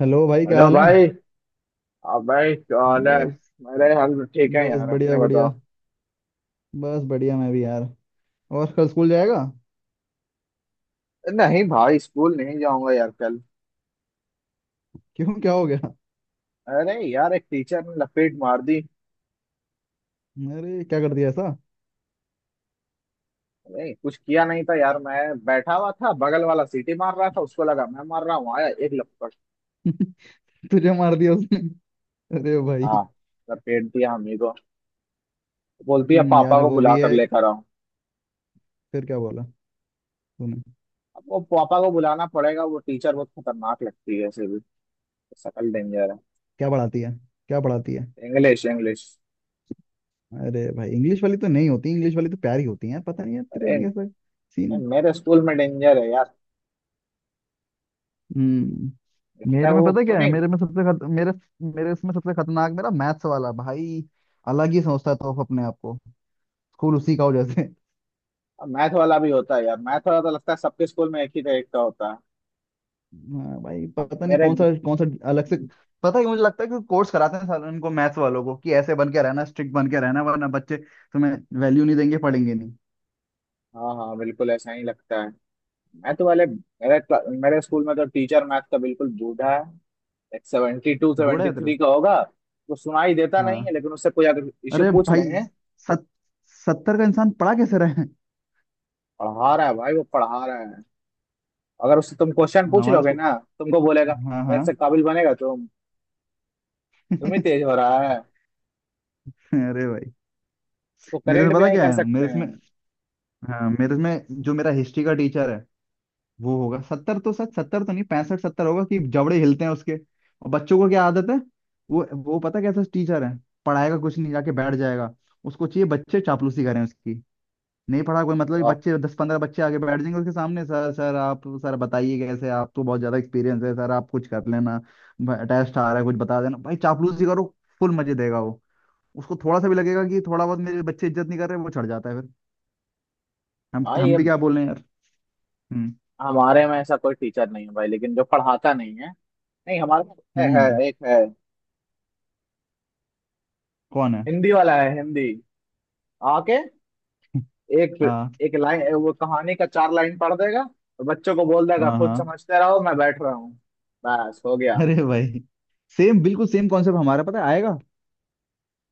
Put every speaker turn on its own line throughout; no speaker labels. Hello भाई, क्या
hello
हाल है?
भाई। आप भाई क्या हाल है।
बस
मेरे हाल तो ठीक है
बस
यार,
बढ़िया
अपने बताओ।
बढ़िया। बस बढ़िया, मैं भी यार। और कल स्कूल जाएगा?
नहीं भाई, स्कूल नहीं जाऊंगा यार कल।
क्यों? क्या हो गया?
अरे यार, एक टीचर ने लपेट मार दी।
अरे, क्या कर दिया ऐसा?
अरे कुछ किया नहीं था यार मैं। बैठा हुआ था, बगल वाला सीटी मार रहा था, उसको लगा मैं मार रहा हूँ, आया एक लपट।
तुझे मार दिया उसने? अरे भाई।
हाँ। लपेट दिया हमी को। बोलती है पापा
यार
को
वो
बुला
भी
कर
है।
लेकर आओ।
फिर क्या बोला तूने?
अब वो पापा को बुलाना पड़ेगा, वो टीचर बहुत खतरनाक लगती है ऐसे भी। सकल डेंजर।
क्या पढ़ाती है? क्या पढ़ाती है?
है, इंग्लिश इंग्लिश।
अरे भाई, इंग्लिश वाली तो नहीं होती, इंग्लिश वाली तो प्यारी होती है। पता नहीं यार, तेरे
अरे।
में कैसा सीन है।
मेरे स्कूल में डेंजर है यार।
हम्म।
लगता है
मेरे में
वो।
पता क्या है, मेरे में सबसे खत, मेरे मेरे इसमें सबसे खतरनाक मेरा मैथ्स वाला भाई। अलग ही सोचता था वो अपने आप को। स्कूल उसी का हो जैसे।
मैथ वाला भी होता है यार, मैथ वाला तो लगता है सबके स्कूल में एक ही टाइप का होता है।
हाँ भाई,
अब
पता नहीं
मेरे।
कौन सा कौन सा अलग से। पता है, मुझे लगता है कि कोर्स कराते हैं साल उनको मैथ्स वालों को कि ऐसे बन के रहना, स्ट्रिक्ट बन के रहना, वरना बच्चे तुम्हें वैल्यू नहीं देंगे, पढ़ेंगे नहीं।
हाँ हाँ, बिल्कुल ऐसा ही लगता है। मैथ वाले मेरे मेरे स्कूल में तो टीचर मैथ का बिल्कुल बूढ़ा है। एक सेवेंटी टू
बूढ़ा
सेवेंटी
है तेरे?
थ्री का होगा। तो सुनाई देता नहीं है,
हाँ।
लेकिन उससे कोई अगर इश्यू
अरे
पूछ
भाई,
लेंगे।
सत, 70 का इंसान पढ़ा कैसे रहे हैं?
पढ़ा रहा है भाई, वो पढ़ा रहा है। अगर उससे तुम क्वेश्चन पूछ
हमारे
लोगे
स्कूल।
ना, तुमको बोलेगा
हाँ,
मेरे
हाँ।
से काबिल बनेगा तुम। तुम ही तेज हो रहा है।
अरे भाई,
उसको
मेरे से
करेक्ट भी
पता
नहीं
क्या
कर
है,
सकते
मेरे इसमें।
हैं।
हाँ, मेरे इसमें जो मेरा हिस्ट्री का टीचर है, वो होगा 70 तो, सच सत्तर तो नहीं, 65-70 होगा, कि जबड़े हिलते हैं उसके। और बच्चों को क्या आदत है? वो पता कैसा टीचर है। पढ़ाएगा कुछ नहीं, जाके बैठ जाएगा। उसको चाहिए बच्चे चापलूसी करें उसकी। नहीं पढ़ा कोई मतलब नहीं,
वाह।
बच्चे, 10-15 बच्चे आगे बैठ जाएंगे उसके सामने, सर सर आप, सर बताइए कैसे, आपको बहुत ज्यादा एक्सपीरियंस है, सर आप कुछ कर लेना। टेस्ट आ रहा है, कुछ बता देना भाई, चापलूसी करो। फुल मजे देगा वो। उसको थोड़ा सा भी लगेगा कि थोड़ा बहुत मेरे बच्चे इज्जत नहीं कर रहे, वो चढ़ जाता है फिर। हम
भाई
हम
ये
भी क्या बोल रहे हैं यार। हम्म।
हमारे में ऐसा कोई टीचर नहीं है भाई, लेकिन जो पढ़ाता नहीं है। नहीं हमारे पास है
हम्म
है, एक है।
कौन है?
हिंदी वाला है हिंदी। आके एक।
हाँ।
एक लाइन वो कहानी का चार लाइन पढ़ देगा, तो बच्चों को बोल देगा
हाँ,
खुद
हाँ।
समझते रहो मैं बैठ रहा हूँ। बस हो गया।
अरे भाई, सेम, बिल्कुल सेम कॉन्सेप्ट हमारा, पता है आएगा।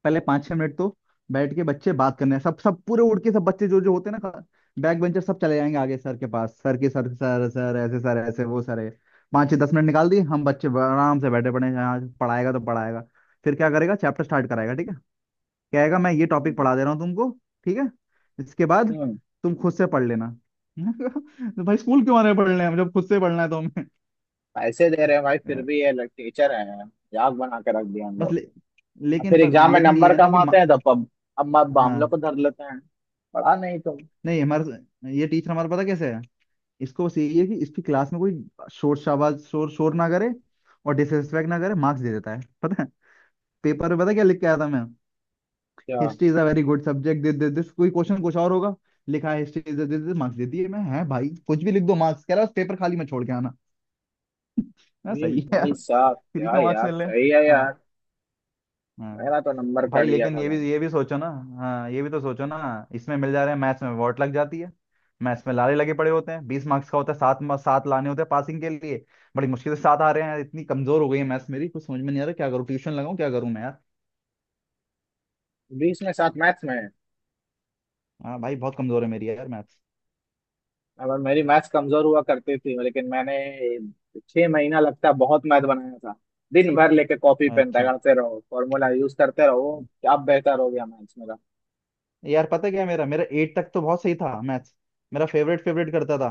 पहले पाँच छह मिनट तो बैठ के बच्चे बात करने हैं। सब सब पूरे उड़ के सब बच्चे जो जो होते हैं ना, बैक बेंचर सब चले जाएंगे आगे सर के पास, सर के सर सर सर ऐसे सर ऐसे, वो सर है। 5, 6, 10 मिनट निकाल दिए, हम बच्चे आराम से बैठे पड़े हैं, यहाँ पढ़ाएगा तो पढ़ाएगा। फिर क्या करेगा, चैप्टर स्टार्ट कराएगा, ठीक है। कहेगा मैं ये टॉपिक
हम्म।
पढ़ा दे रहा हूँ तुमको। ठीक है, इसके बाद
हम्म,
तुम खुद से पढ़ लेना। तो भाई स्कूल क्यों आने पढ़ने, हम जब खुद से पढ़ना है तो हमें।
पैसे दे रहे हैं भाई, फिर
यार,
भी ये लोग टीचर है। याद बना के रख दिया हम
बस
लोग।
ले,
और
लेकिन
फिर
बस
एग्जाम में
लेकिन ये
नंबर
है ना
कम
कि।
आते हैं तो अब। अब हम
हाँ।
लोग को धर लेते हैं। पढ़ा नहीं तो।
नहीं, हमारा ये टीचर हमारा पता कैसे है, इसको बस यही है कि इसकी क्लास में कोई शोर शाबाज, शोर शोर ना करे, और डिसरिस्पेक्ट ना करे, मार्क्स दे देता है, पता है। पेपर में पता क्या लिख के आया था मैं?
क्या।
History is a very good subject, this this this, कोई क्वेश्चन कुछ और होगा, लिखा है history is this this, marks दे दिए। मैं है भाई कुछ भी लिख दो मार्क्स कह रहा है, बस पेपर खाली में छोड़ के आना। मैं,
ये
सही है यार।
भाई साहब
फ्री
क्या
के मार्क्स
यार,
मिल रहे हैं।
सही है यार।
हाँ। हाँ
मेरा तो नंबर
भाई,
कट गया
लेकिन
था
ये भी
भाई।
ये भी सोचो ना। हाँ, ये भी तो सोचो ना। इसमें मिल जा रहे हैं, मैथ्स में वॉट लग जाती है। मैथ्स में लारे लगे पड़े होते हैं, 20 मार्क्स का होता है, सात लाने होते हैं पासिंग के लिए। बड़ी मुश्किल से सात आ रहे हैं यार, इतनी कमजोर हो गई है मैथ्स मेरी, कुछ समझ में नहीं आ रहा, क्या करूँ? ट्यूशन लगाऊं? क्या करूँ मैं यार?
20 में 7 मैथ्स में।
हाँ भाई, बहुत कमजोर है मेरी यार मैथ्स।
और मेरी मैथ्स कमजोर हुआ करती थी, लेकिन मैंने 6 महीना लगता है बहुत मैथ बनाया था। दिन भर लेके कॉपी पेन
अच्छा।
रगड़ते रहो, फॉर्मूला यूज करते रहो। अब बेहतर हो गया मैथ्स मेरा।
यार पता क्या है, मेरा मेरा 8 तक तो बहुत सही था मैथ्स। मेरा फेवरेट, फेवरेट करता था।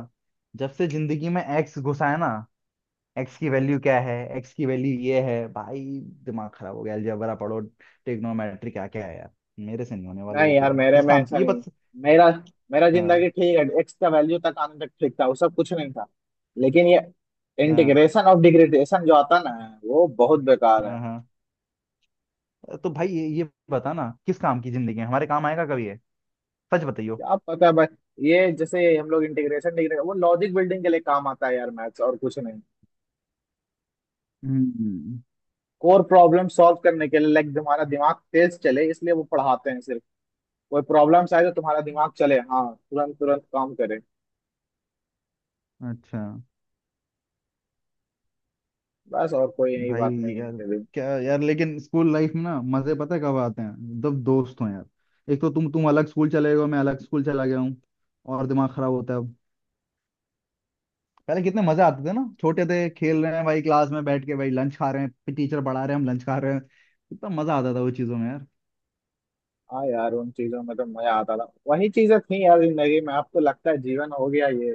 जब से जिंदगी में एक्स घुसा है ना, एक्स की वैल्यू क्या है, एक्स की वैल्यू ये है भाई, दिमाग खराब हो गया। अलजेब्रा पढ़ो, ट्रिग्नोमेट्री, क्या क्या है यार। मेरे से नहीं होने वाली ये
नहीं यार,
चीजें,
मेरे
किस
में
काम की
ऐसा
ये
नहीं है।
बस।
मेरा मेरा
हाँ,
जिंदगी ठीक है, एक्स का वैल्यू तक आने तक ठीक था, वो सब कुछ नहीं था। लेकिन ये
हाँ,
इंटीग्रेशन ऑफ डिग्रेडेशन जो आता ना, वो बहुत बेकार है।
हाँ, हाँ। तो भाई, ये बता ना, किस काम की जिंदगी है, हमारे काम आएगा कभी है? सच बताइयो।
क्या पता है भाई, ये जैसे हम लोग इंटीग्रेशन डिग्रेडेशन वो लॉजिक बिल्डिंग के लिए काम आता है यार मैथ्स, और कुछ नहीं।
हम्म।
कोर प्रॉब्लम सॉल्व करने के लिए, लाइक तुम्हारा दिमाग तेज चले, इसलिए वो पढ़ाते हैं सिर्फ। कोई प्रॉब्लम्स आए तो तुम्हारा दिमाग चले, हाँ तुरंत तुरंत काम करे।
अच्छा।
बस, और कोई यही
भाई
बात नहीं है
यार,
इनके लिए।
क्या यार, लेकिन स्कूल लाइफ में ना मजे पता है कब आते हैं? जब दोस्त हो यार। एक तो तुम अलग स्कूल चले गए हो, मैं अलग स्कूल चला गया हूँ, और दिमाग खराब होता है। पहले कितने मजे आते थे ना, छोटे थे, खेल रहे हैं भाई, क्लास में बैठ के भाई लंच खा रहे हैं, टीचर पढ़ा रहे हैं, हम लंच खा रहे हैं। कितना मजा आता था वो चीजों में यार।
हाँ यार उन चीजों में तो मजा आता था, वही चीजें थी यार जिंदगी में, आपको लगता है जीवन हो गया ये।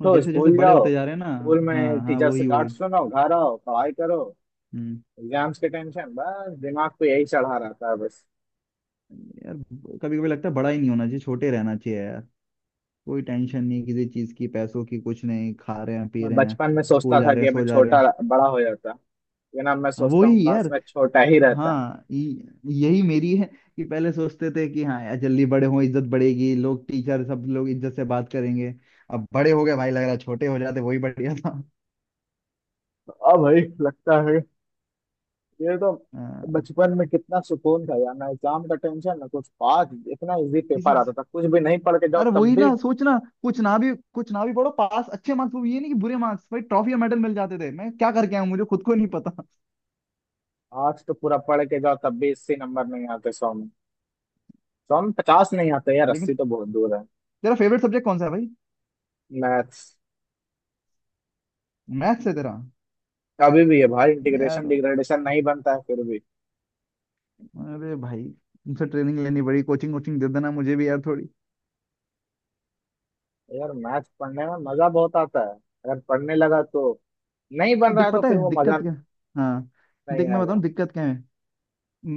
और जैसे जैसे
स्कूल
बड़े
जाओ,
होते जा रहे हैं ना।
स्कूल में
हाँ हाँ,
टीचर से
वही वही।
डांट सुनो, घर आओ पढ़ाई करो।
हम्म।
एग्जाम्स के टेंशन बस दिमाग को यही चढ़ा रहता है बस।
यार, कभी कभी लगता है बड़ा ही नहीं होना चाहिए, छोटे रहना चाहिए यार। कोई टेंशन नहीं किसी चीज की, पैसों की कुछ नहीं, खा रहे हैं पी
मैं
रहे हैं,
बचपन में
स्कूल
सोचता
जा
था
रहे
कि
हैं,
मैं
सो जा रहे
छोटा
हैं।
बड़ा हो जाता, लेकिन अब मैं
हाँ,
सोचता हूँ
वही यार।
काश मैं छोटा ही रहता।
हाँ, यही मेरी है, कि पहले सोचते थे कि हाँ यार जल्दी बड़े हों, इज्जत बढ़ेगी, लोग टीचर सब लोग इज्जत से बात करेंगे। अब बड़े हो गए भाई, लग रहा है छोटे हो जाते वही बढ़िया था।
हाँ भाई लगता है। ये तो
हाँ,
बचपन में कितना सुकून था यार, ना एग्जाम का टेंशन ना कुछ, पास इतना इजी, पेपर
किसी,
आता था कुछ भी नहीं पढ़ के जाओ
अरे
तब
वही
भी।
ना सोचना, कुछ ना भी पढ़ो पास, अच्छे मार्क्स, वो ये नहीं कि बुरे मार्क्स भाई, ट्रॉफी या मेडल मिल जाते थे, मैं क्या करके आया हूँ, मुझे खुद को नहीं पता।
आर्ट्स तो पूरा पढ़ के जाओ तब भी 80 नंबर नहीं आते 100 में। सौ में 50 नहीं आते यार, 80
लेकिन
तो बहुत दूर है।
तेरा फेवरेट सब्जेक्ट कौन सा है भाई?
मैथ्स।
मैथ्स है तेरा?
अभी भी है भाई, इंटीग्रेशन
यार।
डिग्रेडेशन नहीं बनता है फिर भी।
अरे भाई, तुमसे ट्रेनिंग लेनी पड़ी, कोचिंग वोचिंग दे देना मुझे भी यार थोड़ी।
यार मैथ्स पढ़ने में मजा बहुत आता है अगर पढ़ने लगा तो। नहीं बन रहा
दिक
है तो
पता
फिर
है
वो मजा
दिक्कत क्या। हाँ।
नहीं
देख मैं बताऊँ
आएगा।
दिक्कत क्या है,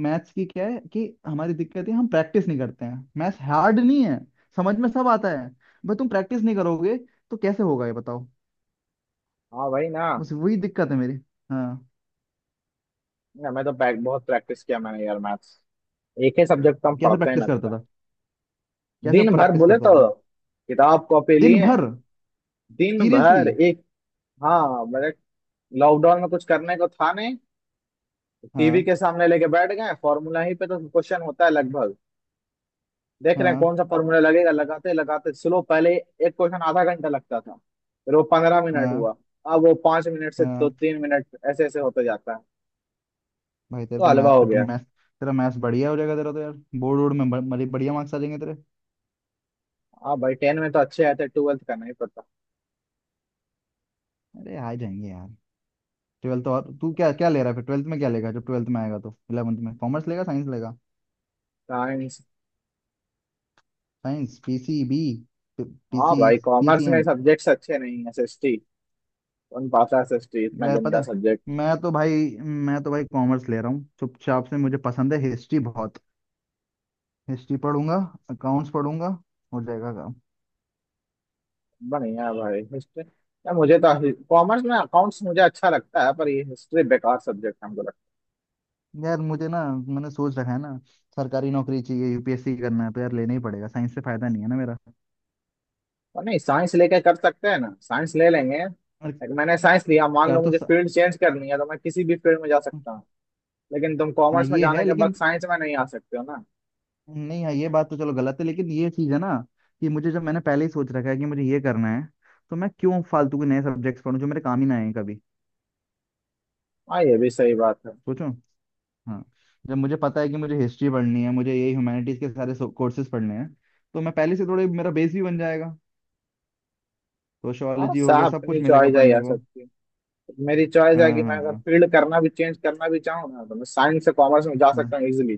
मैथ्स की क्या है, कि हमारी दिक्कत है हम प्रैक्टिस नहीं करते हैं, मैथ्स हार्ड नहीं है, समझ में सब आता है, बस तुम प्रैक्टिस नहीं करोगे तो कैसे होगा, ये बताओ।
हाँ भाई ना।
बस वही दिक्कत है मेरी। हाँ।
ना, मैं तो बहुत प्रैक्टिस किया मैंने यार मैथ्स। एक ही सब्जेक्ट हम
कैसे
पढ़ते हैं
प्रैक्टिस करता
लगता है।
था? कैसे
दिन भर
प्रैक्टिस
बोले
करता था?
तो किताब कॉपी
दिन
लिए
भर।
दिन
सीरियसली?
भर एक। हाँ मेरे लॉकडाउन में कुछ करने को था नहीं, टीवी
हाँ,
के सामने लेके बैठ गए। फॉर्मूला ही पे तो क्वेश्चन होता है लगभग, देख रहे हैं
हाँ,
कौन सा फॉर्मूला लगेगा, लगाते लगाते स्लो पहले एक क्वेश्चन आधा घंटा लगता था, फिर वो 15 मिनट
हाँ,
हुआ। अब वो 5 मिनट से दो
हाँ।
तीन मिनट ऐसे ऐसे होते जाता है,
भाई तेरे
तो
तो
हलवा
मैथ्स
हो
पे, तुम
गया।
मैथ्स, तेरा मैथ्स बढ़िया हो जाएगा तेरा तो यार। बोर्ड वोर्ड में बढ़िया मार्क्स आ जाएंगे तेरे।
हाँ भाई, टेन में तो अच्छे आए थे, ट्वेल्थ का नहीं पता।
अरे आ जाएंगे यार। 12th, और तू क्या क्या ले रहा है फिर? ट्वेल्थ में क्या लेगा जब 12th में आएगा तो? 11th में कॉमर्स लेगा, साइंस लेगा?
साइंस।
Science, PCB?
हाँ
पीसी?
भाई, कॉमर्स में
PCM?
सब्जेक्ट्स अच्छे नहीं है, एस एस टी। कौन पाता एस एस टी इतना
यार पता
गंदा।
है, मैं तो भाई मैं तो भाई कॉमर्स ले रहा हूँ चुपचाप से, मुझे पसंद है हिस्ट्री बहुत। हिस्ट्री पढ़ूंगा, अकाउंट्स पढ़ूंगा, हो जाएगा काम।
बढ़िया भाई, हिस्ट्री या मुझे तो कॉमर्स में अकाउंट्स मुझे अच्छा लगता है, पर ये हिस्ट्री बेकार सब्जेक्ट हमको लगता
यार मुझे ना, मैंने सोच रखा है ना सरकारी नौकरी चाहिए, UPSC करना है, तो यार लेना ही पड़ेगा, साइंस से फायदा नहीं है ना मेरा।
है। नहीं साइंस लेके कर सकते हैं ना, साइंस ले लेंगे।
और
एक, मैंने साइंस लिया मान
कर
लो,
तो
मुझे
स...
फील्ड चेंज करनी है तो मैं किसी भी फील्ड में जा सकता हूँ। लेकिन तुम
हाँ
कॉमर्स में
ये
जाने
है,
के बाद
लेकिन
साइंस में नहीं आ सकते हो ना।
नहीं, हाँ, ये बात तो चलो गलत है, लेकिन ये चीज़ है ना कि मुझे, जब मैंने पहले ही सोच रखा है कि मुझे ये करना है, तो मैं क्यों फालतू के नए सब्जेक्ट्स पढूं जो मेरे काम ही ना आए कभी।
हाँ ये भी सही बात है।
सोचो। हाँ, जब मुझे पता है कि मुझे हिस्ट्री पढ़नी है, मुझे ये ह्यूमैनिटीज के सारे कोर्सेज पढ़ने हैं, तो मैं पहले से, थोड़े मेरा बेस भी बन जाएगा,
हाँ
सोशियोलॉजी हो गया,
साहब,
सब कुछ
अपनी
मिलेगा
चॉइस है
पढ़ने
यार
को।
सबकी। मेरी चॉइस है
हाँ,
कि मैं अगर
हाँ,
फील्ड करना भी चेंज करना भी चाहूँ ना, तो मैं साइंस से कॉमर्स में जा सकता
हाँ,
हूँ इजिली।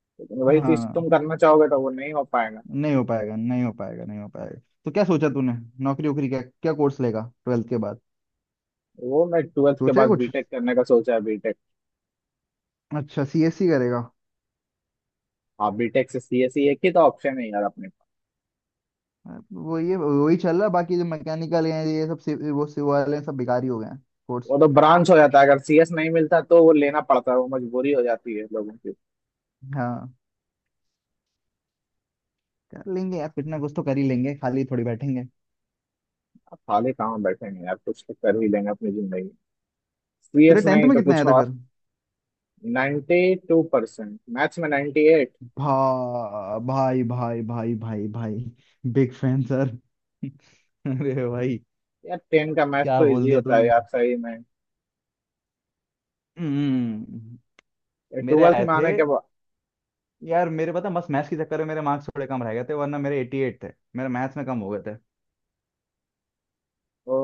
लेकिन वही चीज
हाँ।
तुम करना चाहोगे तो वो नहीं हो पाएगा।
नहीं हो पाएगा, नहीं हो पाएगा, नहीं हो पाएगा। तो क्या सोचा तूने? नौकरी वोकरी क्या क्या कोर्स लेगा 12th के बाद?
वो मैं ट्वेल्थ के
सोचा है
बाद
कुछ?
बीटेक करने का सोचा है, बीटेक।
अच्छा, CSC करेगा?
हाँ बीटेक से सीएसई, एक ही तो ऑप्शन है यार अपने पास।
वो ये वही चल रहा है, बाकी जो मैकेनिकल हैं ये सब, वो सिव वाले हैं, सब बेकार ही हो गए हैं, कोर्स।
वो तो ब्रांच हो जाता है, अगर सीएस नहीं मिलता तो वो लेना पड़ता है, वो मजबूरी हो जाती है लोगों की।
हाँ, कर लेंगे यार कुछ ना कुछ तो, कर ही लेंगे, खाली थोड़ी बैठेंगे।
अब खाली कहाँ बैठेंगे यार, कुछ तो कर ही लेंगे अपनी जिंदगी।
तेरे
सीएस
10th
नहीं
में
तो
कितने
कुछ
आए थे
और।
फिर?
92% मैथ्स में 98।
भा भाई भाई भाई भाई भाई, बिग फैन सर। अरे भाई,
यार 10 का मैथ्स
क्या
तो
बोल
इजी
दिया
होता है
तूने।
यार सही में।
हम्म।
ये
मेरे
12th
आए
में
थे।
आने के बाद।
यार मेरे पता, मस्त मैथ्स के चक्कर में मेरे मार्क्स थोड़े कम रह गए थे, वरना मेरे 88 थे, मेरे मैथ्स में कम हो गए थे।
ओ।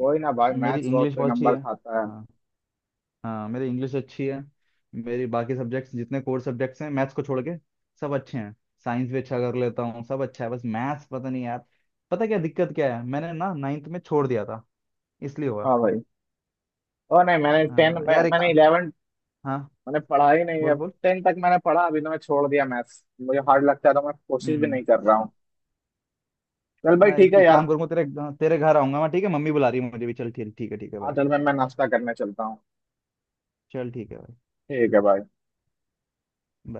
कोई ना भाई,
मेरी
मैथ्स बहुत
इंग्लिश
कोई
बहुत अच्छी
नंबर
है।
खाता है।
हाँ। हाँ, मेरी इंग्लिश अच्छी है, मेरी बाकी सब्जेक्ट्स जितने कोर सब्जेक्ट्स हैं मैथ्स को छोड़ के, सब अच्छे हैं। साइंस भी अच्छा कर लेता हूँ, सब अच्छा है, बस मैथ्स पता नहीं यार। पता क्या दिक्कत क्या है, मैंने ना 9th में छोड़ दिया था, इसलिए हुआ।
हाँ भाई। ओ नहीं, मैंने 10
हाँ
मैं,
यार, एक।
मैंने 11
हाँ।
मैंने पढ़ा ही नहीं।
बोल
अब
बोल।
10 तक मैंने पढ़ा, अभी तो मैं छोड़ दिया मैथ्स, मुझे हार्ड लगता है तो मैं कोशिश भी
हम्म।
नहीं कर रहा हूँ। चल
चल,
भाई
मैं
ठीक
एक,
है
एक
यार।
काम करूँगा तेरे, तेरे घर आऊंगा मैं, ठीक है, मम्मी बुला रही है मुझे भी, चल ठीक, ठीक है, ठीक है
हाँ
भाई।
चल, मैं नाश्ता करने चलता हूँ।
चल ठीक है भाई।
ठीक है भाई।